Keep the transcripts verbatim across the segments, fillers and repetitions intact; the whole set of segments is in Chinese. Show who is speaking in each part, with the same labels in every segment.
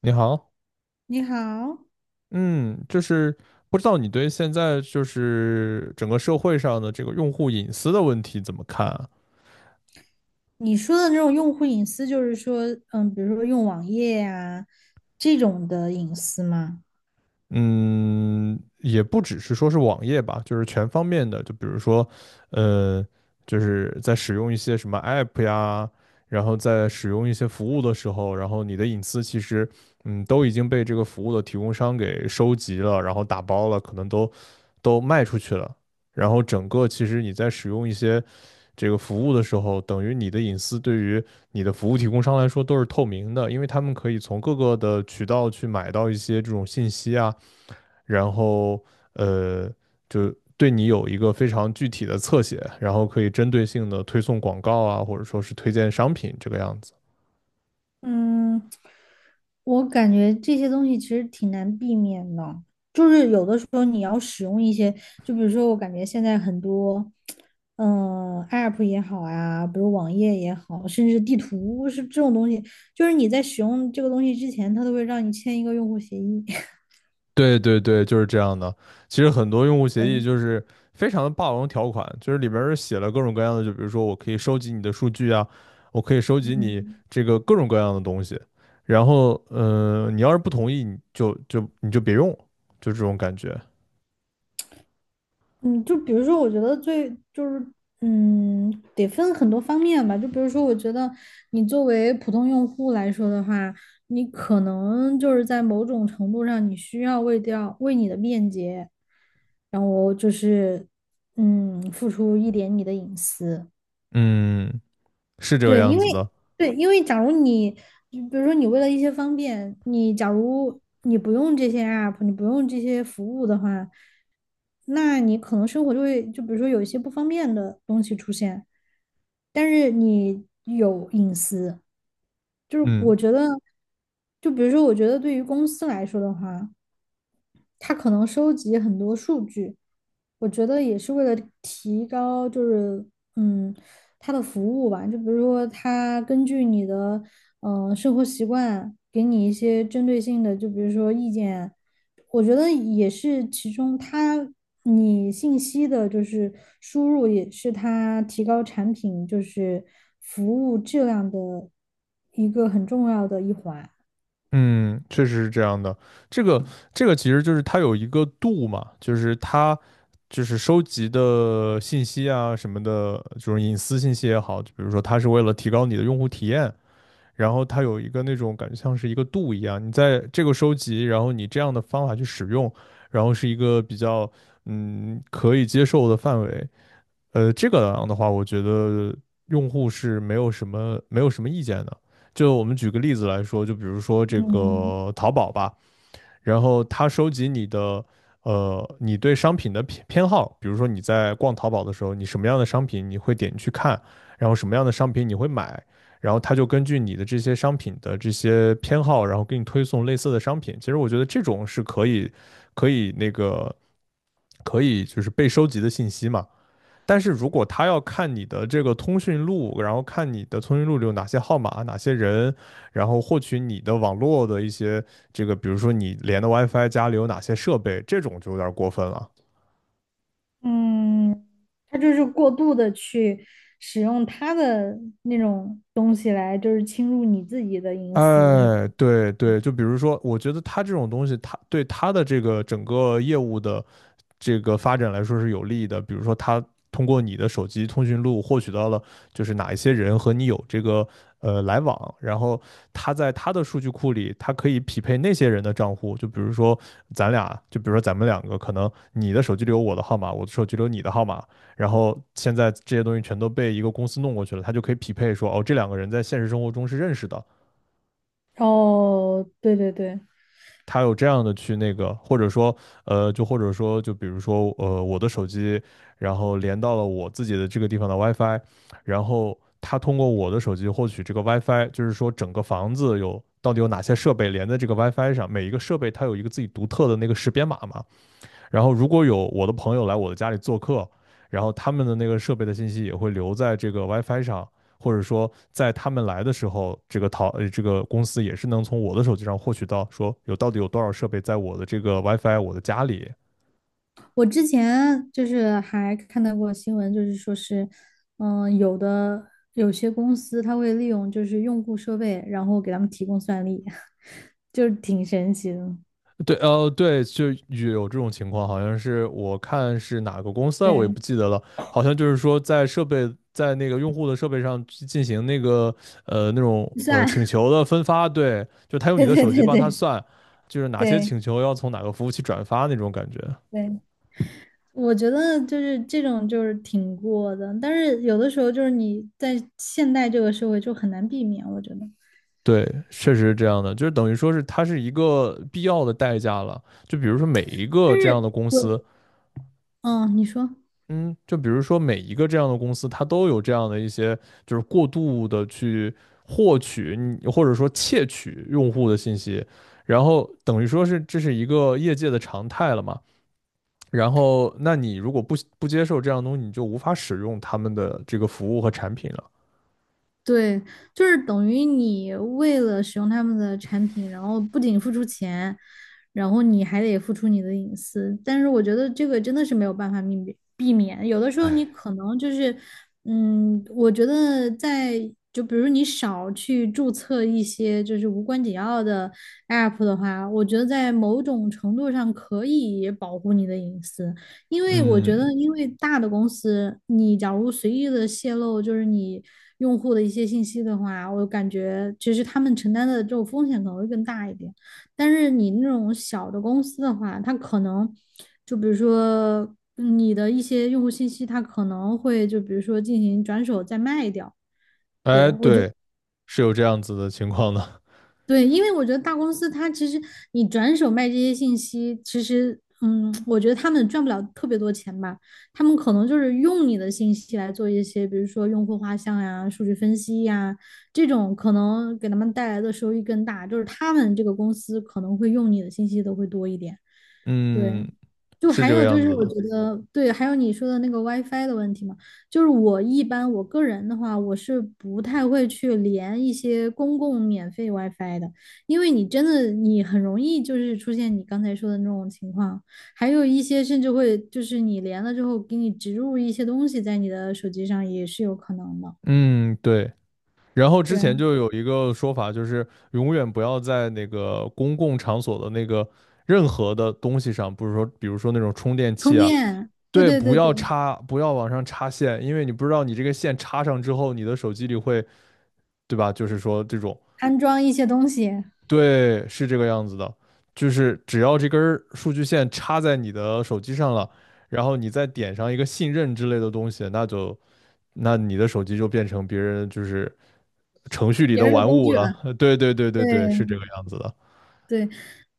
Speaker 1: 你好。
Speaker 2: 你好，
Speaker 1: 嗯，就是不知道你对现在就是整个社会上的这个用户隐私的问题怎么看啊？
Speaker 2: 你说的那种用户隐私，就是说，嗯，比如说用网页呀、这种的隐私吗？
Speaker 1: 嗯，也不只是说是网页吧，就是全方面的，就比如说，呃，就是在使用一些什么 app 呀，然后在使用一些服务的时候，然后你的隐私其实，嗯，都已经被这个服务的提供商给收集了，然后打包了，可能都都卖出去了，然后整个其实你在使用一些这个服务的时候，等于你的隐私对于你的服务提供商来说都是透明的，因为他们可以从各个的渠道去买到一些这种信息啊。然后呃，就对你有一个非常具体的侧写，然后可以针对性的推送广告啊，或者说是推荐商品这个样子。
Speaker 2: 嗯，我感觉这些东西其实挺难避免的，就是有的时候你要使用一些，就比如说我感觉现在很多，嗯，App 也好呀、比如网页也好，甚至地图是这种东西，就是你在使用这个东西之前，它都会让你签一个用户协议。
Speaker 1: 对对对，就是这样的。其实很多用户 协议
Speaker 2: 对，
Speaker 1: 就是非常的霸王条款，就是里边儿写了各种各样的，就比如说我可以收集你的数据啊，我可以收集你
Speaker 2: 嗯。
Speaker 1: 这个各种各样的东西。然后，呃，你要是不同意，你就就你就别用，就这种感觉。
Speaker 2: 嗯，就比如说，我觉得最就是，嗯，得分很多方面吧。就比如说，我觉得你作为普通用户来说的话，你可能就是在某种程度上，你需要为掉为你的便捷，然后就是，嗯，付出一点你的隐私。
Speaker 1: 嗯，是这个
Speaker 2: 对，
Speaker 1: 样
Speaker 2: 因为
Speaker 1: 子的。
Speaker 2: 对，因为假如你，就比如说你为了一些方便，你假如你不用这些 app，你不用这些服务的话，那你可能生活就会，就比如说有一些不方便的东西出现，但是你有隐私，就是
Speaker 1: 嗯。
Speaker 2: 我觉得，就比如说我觉得对于公司来说的话，他可能收集很多数据，我觉得也是为了提高，就是嗯，他的服务吧。就比如说，他根据你的嗯、呃生活习惯，给你一些针对性的，就比如说意见，我觉得也是其中他你信息的，就是输入也是他提高产品就是服务质量的一个很重要的一环。
Speaker 1: 嗯，确实是这样的。这个这个其实就是它有一个度嘛，就是它就是收集的信息啊什么的，就是隐私信息也好，就比如说它是为了提高你的用户体验，然后它有一个那种感觉像是一个度一样，你在这个收集，然后你这样的方法去使用，然后是一个比较嗯可以接受的范围。呃，这个样的话，我觉得用户是没有什么没有什么意见的。就我们举个例子来说，就比如说这
Speaker 2: 嗯。
Speaker 1: 个淘宝吧，然后它收集你的呃你对商品的偏偏好，比如说你在逛淘宝的时候，你什么样的商品你会点去看，然后什么样的商品你会买，然后它就根据你的这些商品的这些偏好，然后给你推送类似的商品。其实我觉得这种是可以可以那个可以就是被收集的信息嘛。但是如果他要看你的这个通讯录，然后看你的通讯录里有哪些号码、哪些人，然后获取你的网络的一些这个，比如说你连的 WiFi 家里有哪些设备，这种就有点过分了。
Speaker 2: 嗯，他就是过度的去使用他的那种东西来，就是侵入你自己的隐私，是吗？
Speaker 1: 哎，对对，就比如说，我觉得他这种东西，他对他的这个整个业务的这个发展来说是有利的。比如说，他通过你的手机通讯录获取到了，就是哪一些人和你有这个呃来往，然后他在他的数据库里，他可以匹配那些人的账户。就比如说咱俩，就比如说咱们两个，可能你的手机里有我的号码，我的手机里有你的号码，然后现在这些东西全都被一个公司弄过去了，他就可以匹配说，哦，这两个人在现实生活中是认识的，
Speaker 2: 哦，对对对。
Speaker 1: 它有这样的去那个，或者说，呃，就或者说，就比如说，呃，我的手机，然后连到了我自己的这个地方的 WiFi,然后它通过我的手机获取这个 WiFi,就是说整个房子有到底有哪些设备连在这个 WiFi 上，每一个设备它有一个自己独特的那个识别码嘛，然后如果有我的朋友来我的家里做客，然后他们的那个设备的信息也会留在这个 WiFi 上，或者说在他们来的时候，这个淘呃这个公司也是能从我的手机上获取到说有到底有多少设备在我的这个 WiFi 我的家里。
Speaker 2: 我之前就是还看到过新闻，就是说是，嗯，有的有些公司他会利用就是用户设备，然后给他们提供算力，就是挺神奇的。
Speaker 1: 对，呃，对，就有这种情况，好像是我看是哪个公司啊，我也
Speaker 2: 对，
Speaker 1: 不记得了，好像就是说在设备在那个用户的设备上去进行那个呃那种呃请
Speaker 2: 算，
Speaker 1: 求的分发，对，就他 用你
Speaker 2: 对
Speaker 1: 的
Speaker 2: 对
Speaker 1: 手机
Speaker 2: 对
Speaker 1: 帮他
Speaker 2: 对
Speaker 1: 算，就是哪些
Speaker 2: 对
Speaker 1: 请求要从哪个服务器转发那种感觉。
Speaker 2: 对。我觉得就是这种就是挺过的，但是有的时候就是你在现代这个社会就很难避免，我觉得。
Speaker 1: 对，确实是这样的，就是等于说是它是一个必要的代价了。就比如说每一
Speaker 2: 但
Speaker 1: 个这样
Speaker 2: 是
Speaker 1: 的公
Speaker 2: 我，
Speaker 1: 司，
Speaker 2: 嗯，你说，
Speaker 1: 嗯，就比如说每一个这样的公司，它都有这样的一些，就是过度的去获取你或者说窃取用户的信息，然后等于说是这是一个业界的常态了嘛。然后，那你如果不不接受这样的东西，你就无法使用他们的这个服务和产品了。
Speaker 2: 对，就是等于你为了使用他们的产品，然后不仅付出钱，然后你还得付出你的隐私。但是我觉得这个真的是没有办法避免避免，有的时候你可能就是，嗯，我觉得在就比如你少去注册一些就是无关紧要的 app 的话，我觉得在某种程度上可以保护你的隐私。因为我
Speaker 1: 嗯，
Speaker 2: 觉得，因为大的公司，你假如随意的泄露就是你用户的一些信息的话，我感觉其实他们承担的这种风险可能会更大一点。但是你那种小的公司的话，它可能就比如说你的一些用户信息，它可能会就比如说进行转手再卖掉。
Speaker 1: 哎，
Speaker 2: 对，我觉
Speaker 1: 对，是有这样子的情况的。
Speaker 2: 对，因为我觉得大公司它其实你转手卖这些信息，其实嗯，我觉得他们赚不了特别多钱吧，他们可能就是用你的信息来做一些，比如说用户画像呀、数据分析呀这种，可能给他们带来的收益更大，就是他们这个公司可能会用你的信息都会多一点。
Speaker 1: 嗯，
Speaker 2: 对，就
Speaker 1: 是
Speaker 2: 还
Speaker 1: 这个
Speaker 2: 有就
Speaker 1: 样
Speaker 2: 是，
Speaker 1: 子
Speaker 2: 我觉
Speaker 1: 的。
Speaker 2: 得对，还有你说的那个 WiFi 的问题嘛，就是我一般我个人的话，我是不太会去连一些公共免费 WiFi 的，因为你真的你很容易就是出现你刚才说的那种情况，还有一些甚至会就是你连了之后给你植入一些东西在你的手机上也是有可能的，
Speaker 1: 嗯，对。然后之
Speaker 2: 对啊，
Speaker 1: 前就有一个说法，就是永远不要在那个公共场所的那个任何的东西上，不是说，比如说那种充电
Speaker 2: 充
Speaker 1: 器啊，
Speaker 2: 电，对
Speaker 1: 对，
Speaker 2: 对
Speaker 1: 不
Speaker 2: 对对，
Speaker 1: 要插，不要往上插线，因为你不知道你这个线插上之后，你的手机里会，对吧？就是说这种，
Speaker 2: 安装一些东西，
Speaker 1: 对，是这个样子的，就是只要这根儿数据线插在你的手机上了，然后你再点上一个信任之类的东西，那就那你的手机就变成别人就是程序里
Speaker 2: 别
Speaker 1: 的
Speaker 2: 人的
Speaker 1: 玩
Speaker 2: 工
Speaker 1: 物
Speaker 2: 具，
Speaker 1: 了。对对对对对，是这个
Speaker 2: 对。
Speaker 1: 样子的。
Speaker 2: 对，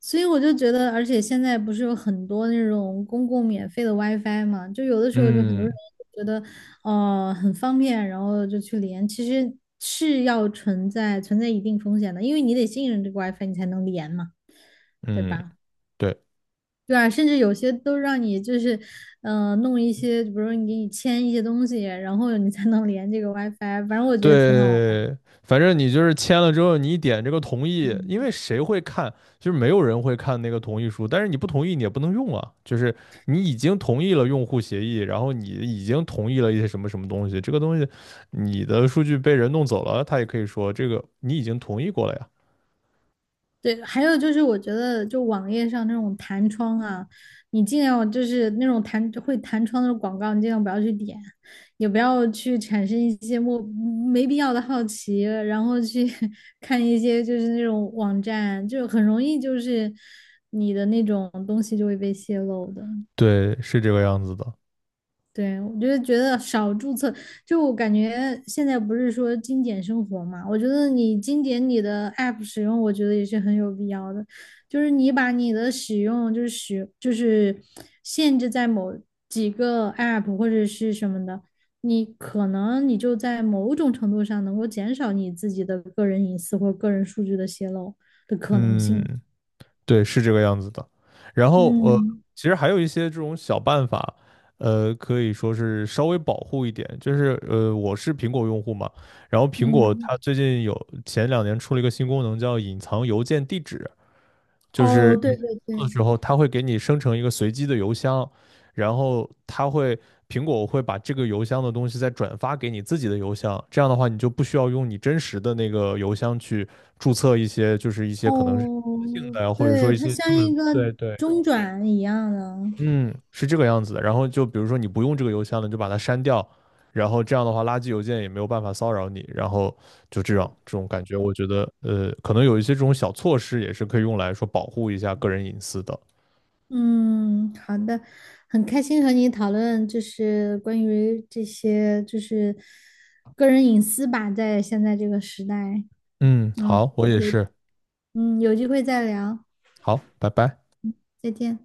Speaker 2: 所以我就觉得，而且现在不是有很多那种公共免费的 WiFi 嘛，就有的时候就很多人
Speaker 1: 嗯
Speaker 2: 觉得，呃，很方便，然后就去连，其实是要存在存在一定风险的，因为你得信任这个 WiFi 你才能连嘛，对
Speaker 1: 嗯，
Speaker 2: 吧？
Speaker 1: 对。
Speaker 2: 对啊，甚至有些都让你就是，呃，弄一些，比如说你给你签一些东西，然后你才能连这个 WiFi，反正我觉得挺好玩儿。
Speaker 1: 对，反正你就是签了之后，你一点这个同意，因为
Speaker 2: 嗯
Speaker 1: 谁会看？就是没有人会看那个同意书，但是你不同意你也不能用啊。就是你已经同意了用户协议，然后你已经同意了一些什么什么东西，这个东西你的数据被人弄走了，他也可以说这个你已经同意过了呀。
Speaker 2: 对，还有就是，我觉得就网页上那种弹窗啊，你尽量就是那种弹会弹窗的广告，你尽量不要去点，也不要去产生一些莫没必要的好奇，然后去 看一些就是那种网站，就很容易就是你的那种东西就会被泄露的。
Speaker 1: 对，是这个样子的。
Speaker 2: 对，我就是觉得少注册，就我感觉现在不是说精简生活嘛，我觉得你精简你的 app 使用，我觉得也是很有必要的。就是你把你的使用，就是使，就是限制在某几个 app 或者是什么的，你可能你就在某种程度上能够减少你自己的个人隐私或个人数据的泄露的可能
Speaker 1: 嗯，
Speaker 2: 性。
Speaker 1: 对，是这个样子的。然后呃，
Speaker 2: 嗯
Speaker 1: 其实还有一些这种小办法，呃，可以说是稍微保护一点。就是呃，我是苹果用户嘛，然后苹果
Speaker 2: 嗯，
Speaker 1: 它最近有前两年出了一个新功能，叫隐藏邮件地址。就
Speaker 2: 哦，
Speaker 1: 是你
Speaker 2: 对对
Speaker 1: 做的
Speaker 2: 对。
Speaker 1: 时候，它会给你生成一个随机的邮箱，然后它会苹果会把这个邮箱的东西再转发给你自己的邮箱，这样的话你就不需要用你真实的那个邮箱去注册一些，就是一些可能是性
Speaker 2: 哦，
Speaker 1: 的呀，或者说
Speaker 2: 对，
Speaker 1: 一
Speaker 2: 它
Speaker 1: 些
Speaker 2: 像
Speaker 1: 根本
Speaker 2: 一个
Speaker 1: 对对
Speaker 2: 中转一样的。
Speaker 1: 嗯，是这个样子的。然后就比如说你不用这个邮箱了，你就把它删掉，然后这样的话，垃圾邮件也没有办法骚扰你。然后就这样，这种感觉，我觉得呃，可能有一些这种小措施也是可以用来说保护一下个人隐私的。
Speaker 2: 嗯，好的，很开心和你讨论，就是关于这些，就是个人隐私吧，在现在这个时代。
Speaker 1: 嗯，
Speaker 2: 嗯，
Speaker 1: 好，我也
Speaker 2: 有，
Speaker 1: 是。
Speaker 2: 嗯，有机会再聊，
Speaker 1: 好，拜拜。
Speaker 2: 再见。